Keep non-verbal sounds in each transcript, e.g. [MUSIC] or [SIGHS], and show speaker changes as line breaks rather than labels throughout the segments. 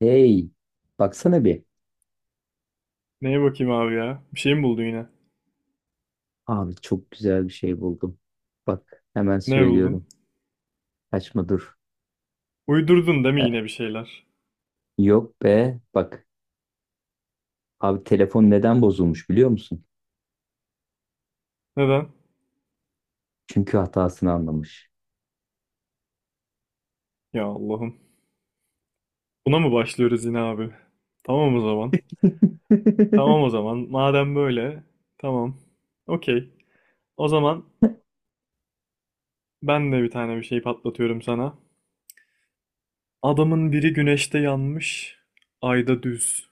Hey, baksana bir.
Neye bakayım abi ya? Bir şey mi buldun yine?
Abi çok güzel bir şey buldum. Bak hemen
Ne buldun?
söylüyorum. Kaçma dur.
Uydurdun değil mi
E,
yine bir şeyler?
Yok be. Bak abi telefon neden bozulmuş biliyor musun?
Neden?
Çünkü hatasını anlamış.
Ya Allah'ım. Buna mı başlıyoruz yine abi? Tamam o zaman.
[LAUGHS]
Tamam o zaman. Madem böyle. Tamam. Okey. O zaman ben de bir tane bir şey patlatıyorum sana. Adamın biri güneşte yanmış, ayda düz.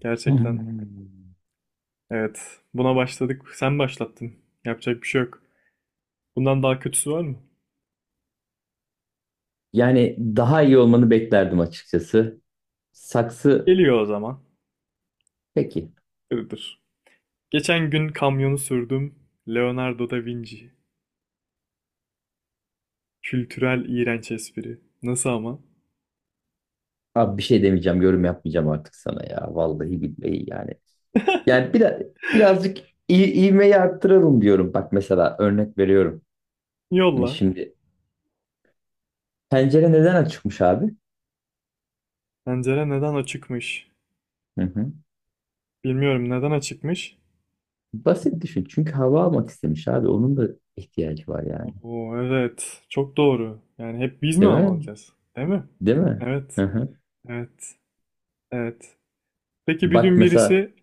Gerçekten. Evet. Buna başladık. Sen başlattın. Yapacak bir şey yok. Bundan daha kötüsü var mı?
Yani daha iyi olmanı beklerdim açıkçası. Saksı
Geliyor o zaman.
peki.
Iğdır. Geçen gün kamyonu sürdüm. Leonardo da Vinci. Kültürel iğrenç espri. Nasıl ama?
Abi bir şey demeyeceğim, yorum yapmayacağım artık sana ya. Vallahi billahi yani. Yani biraz birazcık iyi, ivmeyi arttıralım diyorum. Bak mesela örnek veriyorum.
Yolla.
Şimdi pencere neden açıkmış abi?
Pencere neden açıkmış?
Hı hı.
Bilmiyorum neden açıkmış?
Basit düşün. Çünkü hava almak istemiş abi. Onun da ihtiyacı var yani.
Oo evet. Çok doğru. Yani hep biz mi
Değil
hava
mi?
alacağız? Değil mi?
Değil mi? Hı
Evet.
hı.
Evet. Evet. Peki bir
Bak
gün
mesela
birisi,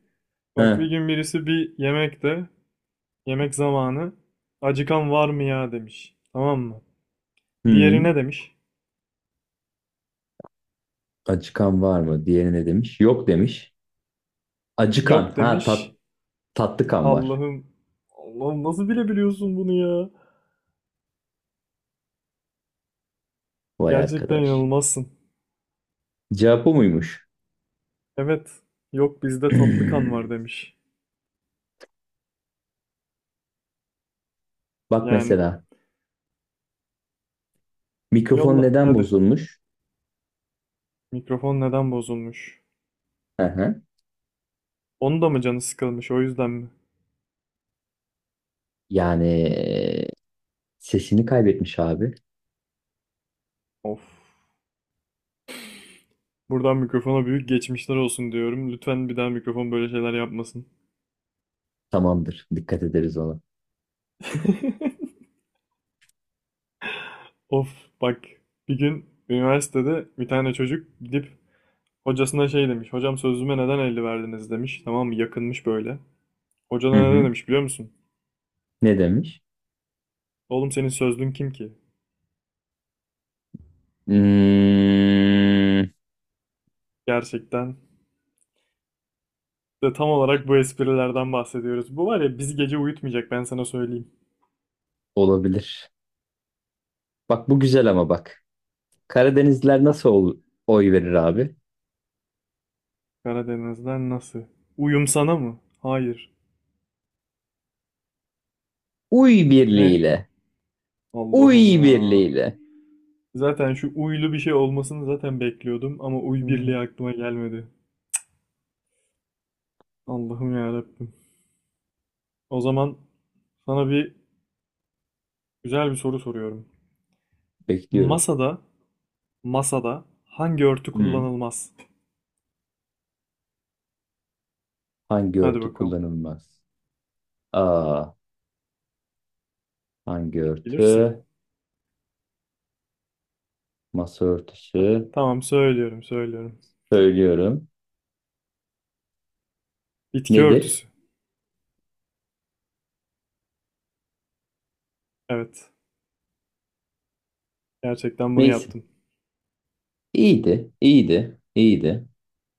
bak bir
hı.
gün birisi bir yemekte, yemek zamanı acıkan var mı ya demiş. Tamam mı? Diğeri
Hı.
ne demiş?
Acıkan var mı? Diğeri ne demiş? Yok demiş. Acıkan.
Yok
Ha
demiş.
tat, tatlı kan var.
Allah'ım. Allah'ım nasıl bilebiliyorsun bunu ya?
Vay
Gerçekten
arkadaş.
inanılmazsın.
Cevap o muymuş?
Evet. Yok bizde tatlı kan var
[CLEARS THROAT]
demiş.
Bak
Yani.
mesela mikrofon
Yolla
neden
hadi.
bozulmuş?
Mikrofon neden bozulmuş?
Hı hı.
Onun da mı canı sıkılmış o yüzden mi?
Yani sesini kaybetmiş abi.
Of. Buradan mikrofona büyük geçmişler olsun diyorum. Lütfen bir daha mikrofon böyle şeyler yapmasın.
Tamamdır. Dikkat ederiz ona.
[LAUGHS] Of, bak. Bir gün üniversitede bir tane çocuk gidip hocasına şey demiş. Hocam sözlüme neden 50 verdiniz demiş. Tamam mı? Yakınmış böyle. Hoca
Hı
ne
hı.
demiş biliyor musun?
Ne demiş?
Oğlum senin sözlüğün kim ki?
Hmm,
Gerçekten. İşte tam olarak bu esprilerden bahsediyoruz. Bu var ya bizi gece uyutmayacak, ben sana söyleyeyim.
olabilir. Bak bu güzel ama bak. Karadenizliler
Ha,
oy verir abi?
Karadeniz'den nasıl? Uyum sana mı? Hayır.
Uy
Ne?
birliğiyle.
Allah'ım
Uy
ya.
birliğiyle.
Zaten şu uylu bir şey olmasını zaten bekliyordum ama uy
Hı.
birliği aklıma gelmedi. Allah'ım ya Rabbim. O zaman sana bir güzel bir soru soruyorum.
Bekliyorum.
Masada, masada, hangi örtü
Hı.
kullanılmaz?
Hangi
Hadi
örtü
bakalım.
kullanılmaz? A. Hangi
Bilirsin.
örtü? Masa
Ha,
örtüsü.
tamam, söylüyorum.
Söylüyorum.
Bitki
Nedir?
örtüsü. Evet. Gerçekten bunu
Neyse.
yaptım.
İyiydi. İyiydi. İyiydi.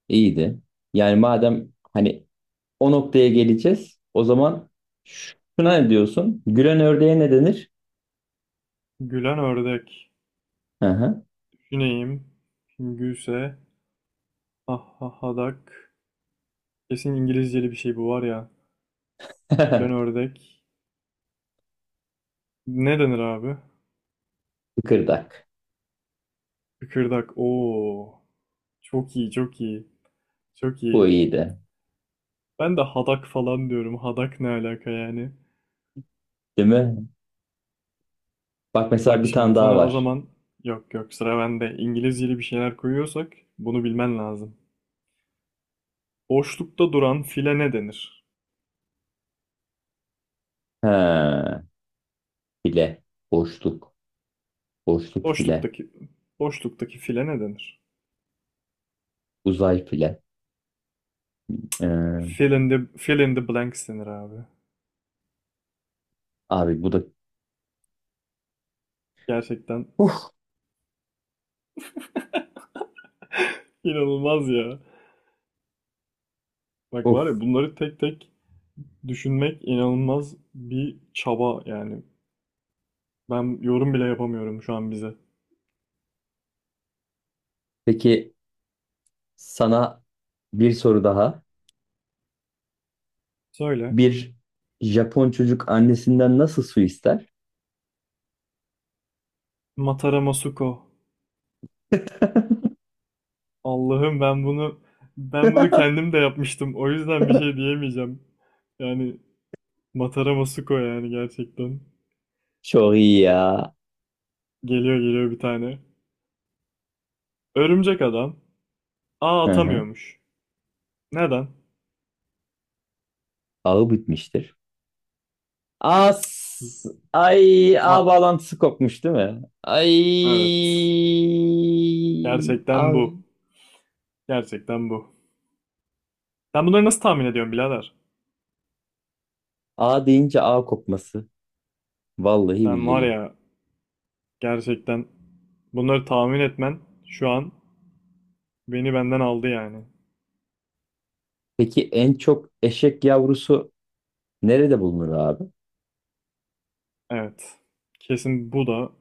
İyiydi. Yani madem hani o noktaya geleceğiz, o zaman şuna ne diyorsun? Gülen ördeğe ne denir?
Gülen ördek.
Aha.
Düşüneyim. Şimdi gülse. Ah ah hadak. Kesin İngilizceli bir şey bu var ya. Gülen
[LAUGHS]
ördek. Ne denir abi?
Kıkırdak.
Kıkırdak. Oo. Çok iyi, çok iyi. Çok
Bu
iyi.
iyiydi.
Ben de hadak falan diyorum. Hadak ne alaka yani?
Değil mi? Bak mesela
Bak
bir tane
şimdi
daha
sana o
var.
zaman, yok yok, sıra bende. İngilizceli bir şeyler koyuyorsak bunu bilmen lazım. Boşlukta duran file ne denir?
Ha, file. Boşluk. Boşluk file.
Boşluktaki boşluktaki file ne denir?
Uzay file. Ee,
Fill in the, fill in the blanks denir abi.
abi bu da...
Gerçekten
Uf,
inanılmaz ya. Bak var
uf.
ya bunları tek tek düşünmek inanılmaz bir çaba yani. Ben yorum bile yapamıyorum şu an bize.
Peki sana bir soru daha.
Söyle.
Bir Japon çocuk annesinden nasıl su ister?
Matara Masuko.
[LAUGHS]
Allah'ım, ben bunu kendim de yapmıştım. O yüzden bir şey diyemeyeceğim. Yani Matara Masuko, yani gerçekten.
Çok iyi ya.
Geliyor geliyor bir tane. Örümcek adam. A
Hı hı.
atamıyormuş. Neden?
Ağı bitmiştir. As ay
A
A bağlantısı kopmuş değil mi? Ay
evet. Gerçekten
A,
bu. Gerçekten bu. Sen bunları nasıl tahmin ediyorsun birader?
A deyince A kopması. Vallahi
Sen var
billahi.
ya, gerçekten bunları tahmin etmen şu an beni benden aldı yani.
Peki en çok eşek yavrusu nerede bulunur abi?
Evet. Kesin bu da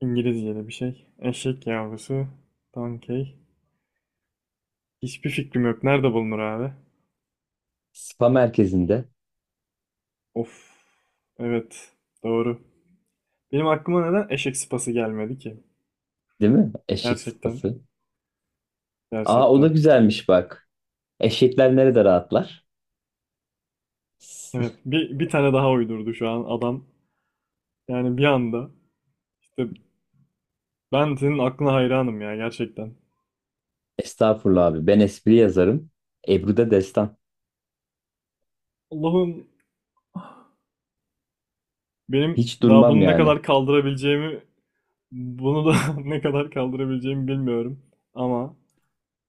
İngilizce'de bir şey. Eşek yavrusu. Donkey. Hiçbir fikrim yok. Nerede bulunur abi?
Spa merkezinde
Of. Evet. Doğru. Benim aklıma neden eşek sıpası gelmedi ki?
değil mi? Eşek
Gerçekten.
sıpası. Aa o da
Gerçekten.
güzelmiş bak. Eşekler nerede rahatlar? [LAUGHS] S-
Evet. Bir tane daha uydurdu şu an adam. Yani bir anda. İşte ben senin aklına hayranım ya gerçekten.
Estağfurullah abi. Ben espri yazarım. Ebru'da destan.
Allah'ım, benim
Hiç
daha
durmam
bunu ne
yani.
kadar kaldırabileceğimi, bunu da [LAUGHS] ne kadar kaldırabileceğimi bilmiyorum. Ama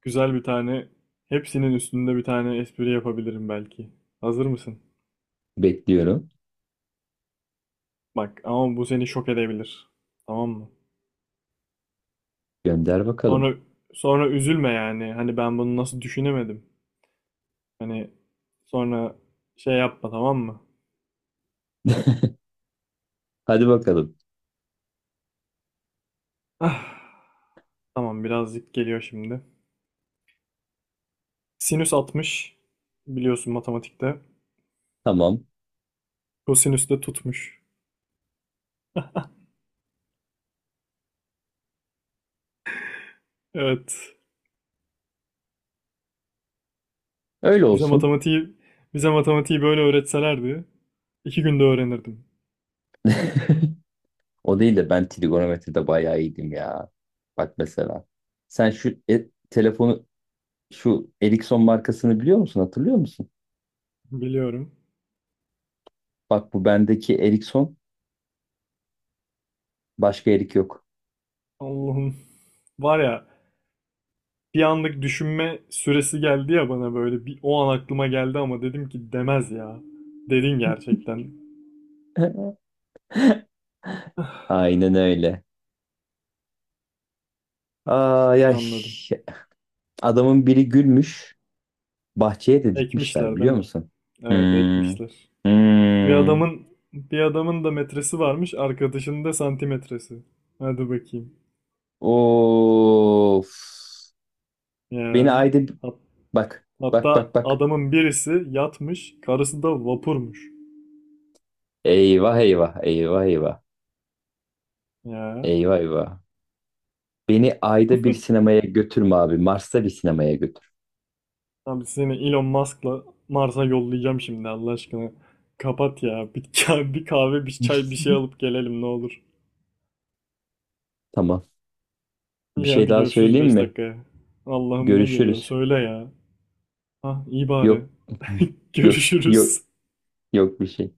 güzel bir tane, hepsinin üstünde bir tane espri yapabilirim belki. Hazır mısın?
Bekliyorum.
Bak ama bu seni şok edebilir. Tamam mı?
Gönder bakalım.
Sonra sonra üzülme yani. Hani ben bunu nasıl düşünemedim. Hani sonra şey yapma, tamam mı?
Hadi bakalım.
Ah, tamam, birazcık geliyor şimdi. Sinüs 60 biliyorsun matematikte.
Tamam.
Kosinüs de tutmuş. Evet.
Öyle
Bize
olsun.
matematiği bize matematiği böyle öğretselerdi iki günde öğrenirdim.
[LAUGHS] O değil de ben trigonometride bayağı iyiydim ya. Bak mesela. Sen şu telefonu şu Ericsson markasını biliyor musun? Hatırlıyor musun?
Biliyorum.
Bak bu bendeki Ericsson başka Erik yok.
Allah'ım. Var ya, bir anlık düşünme süresi geldi ya bana, böyle bir o an aklıma geldi ama dedim ki demez ya. Dedin gerçekten.
[LAUGHS]
[SIGHS]
Aynen öyle. Ay ay.
Anladım.
Adamın biri gülmüş. Bahçeye de dikmişler
Ekmişler değil
biliyor
mi?
musun?
Evet,
Hmm.
ekmişler. Bir
Hmm.
adamın bir adamın da metresi varmış, arkadaşının da santimetresi. Hadi bakayım.
Of. Beni
Ya.
ayda
Hat-
bak bak
hatta
bak bak.
adamın birisi yatmış, karısı da vapurmuş.
Eyvah eyvah eyvah eyvah.
Ya.
Eyvah eyvah. Beni ayda bir sinemaya götürme abi. Mars'ta bir sinemaya götür.
Abi seni Elon Musk'la Mars'a yollayacağım şimdi Allah aşkına. Kapat ya. Bir, [LAUGHS] bir kahve, bir çay, bir şey
[LAUGHS]
alıp gelelim ne olur.
Tamam. Bir
İyi
şey
hadi
daha
görüşürüz
söyleyeyim
5
mi?
dakikaya. Allah'ım ne geliyor
Görüşürüz.
söyle ya. Ha iyi
Yok.
bari. [LAUGHS]
[LAUGHS] Yok. Yok.
Görüşürüz.
Yok bir şey.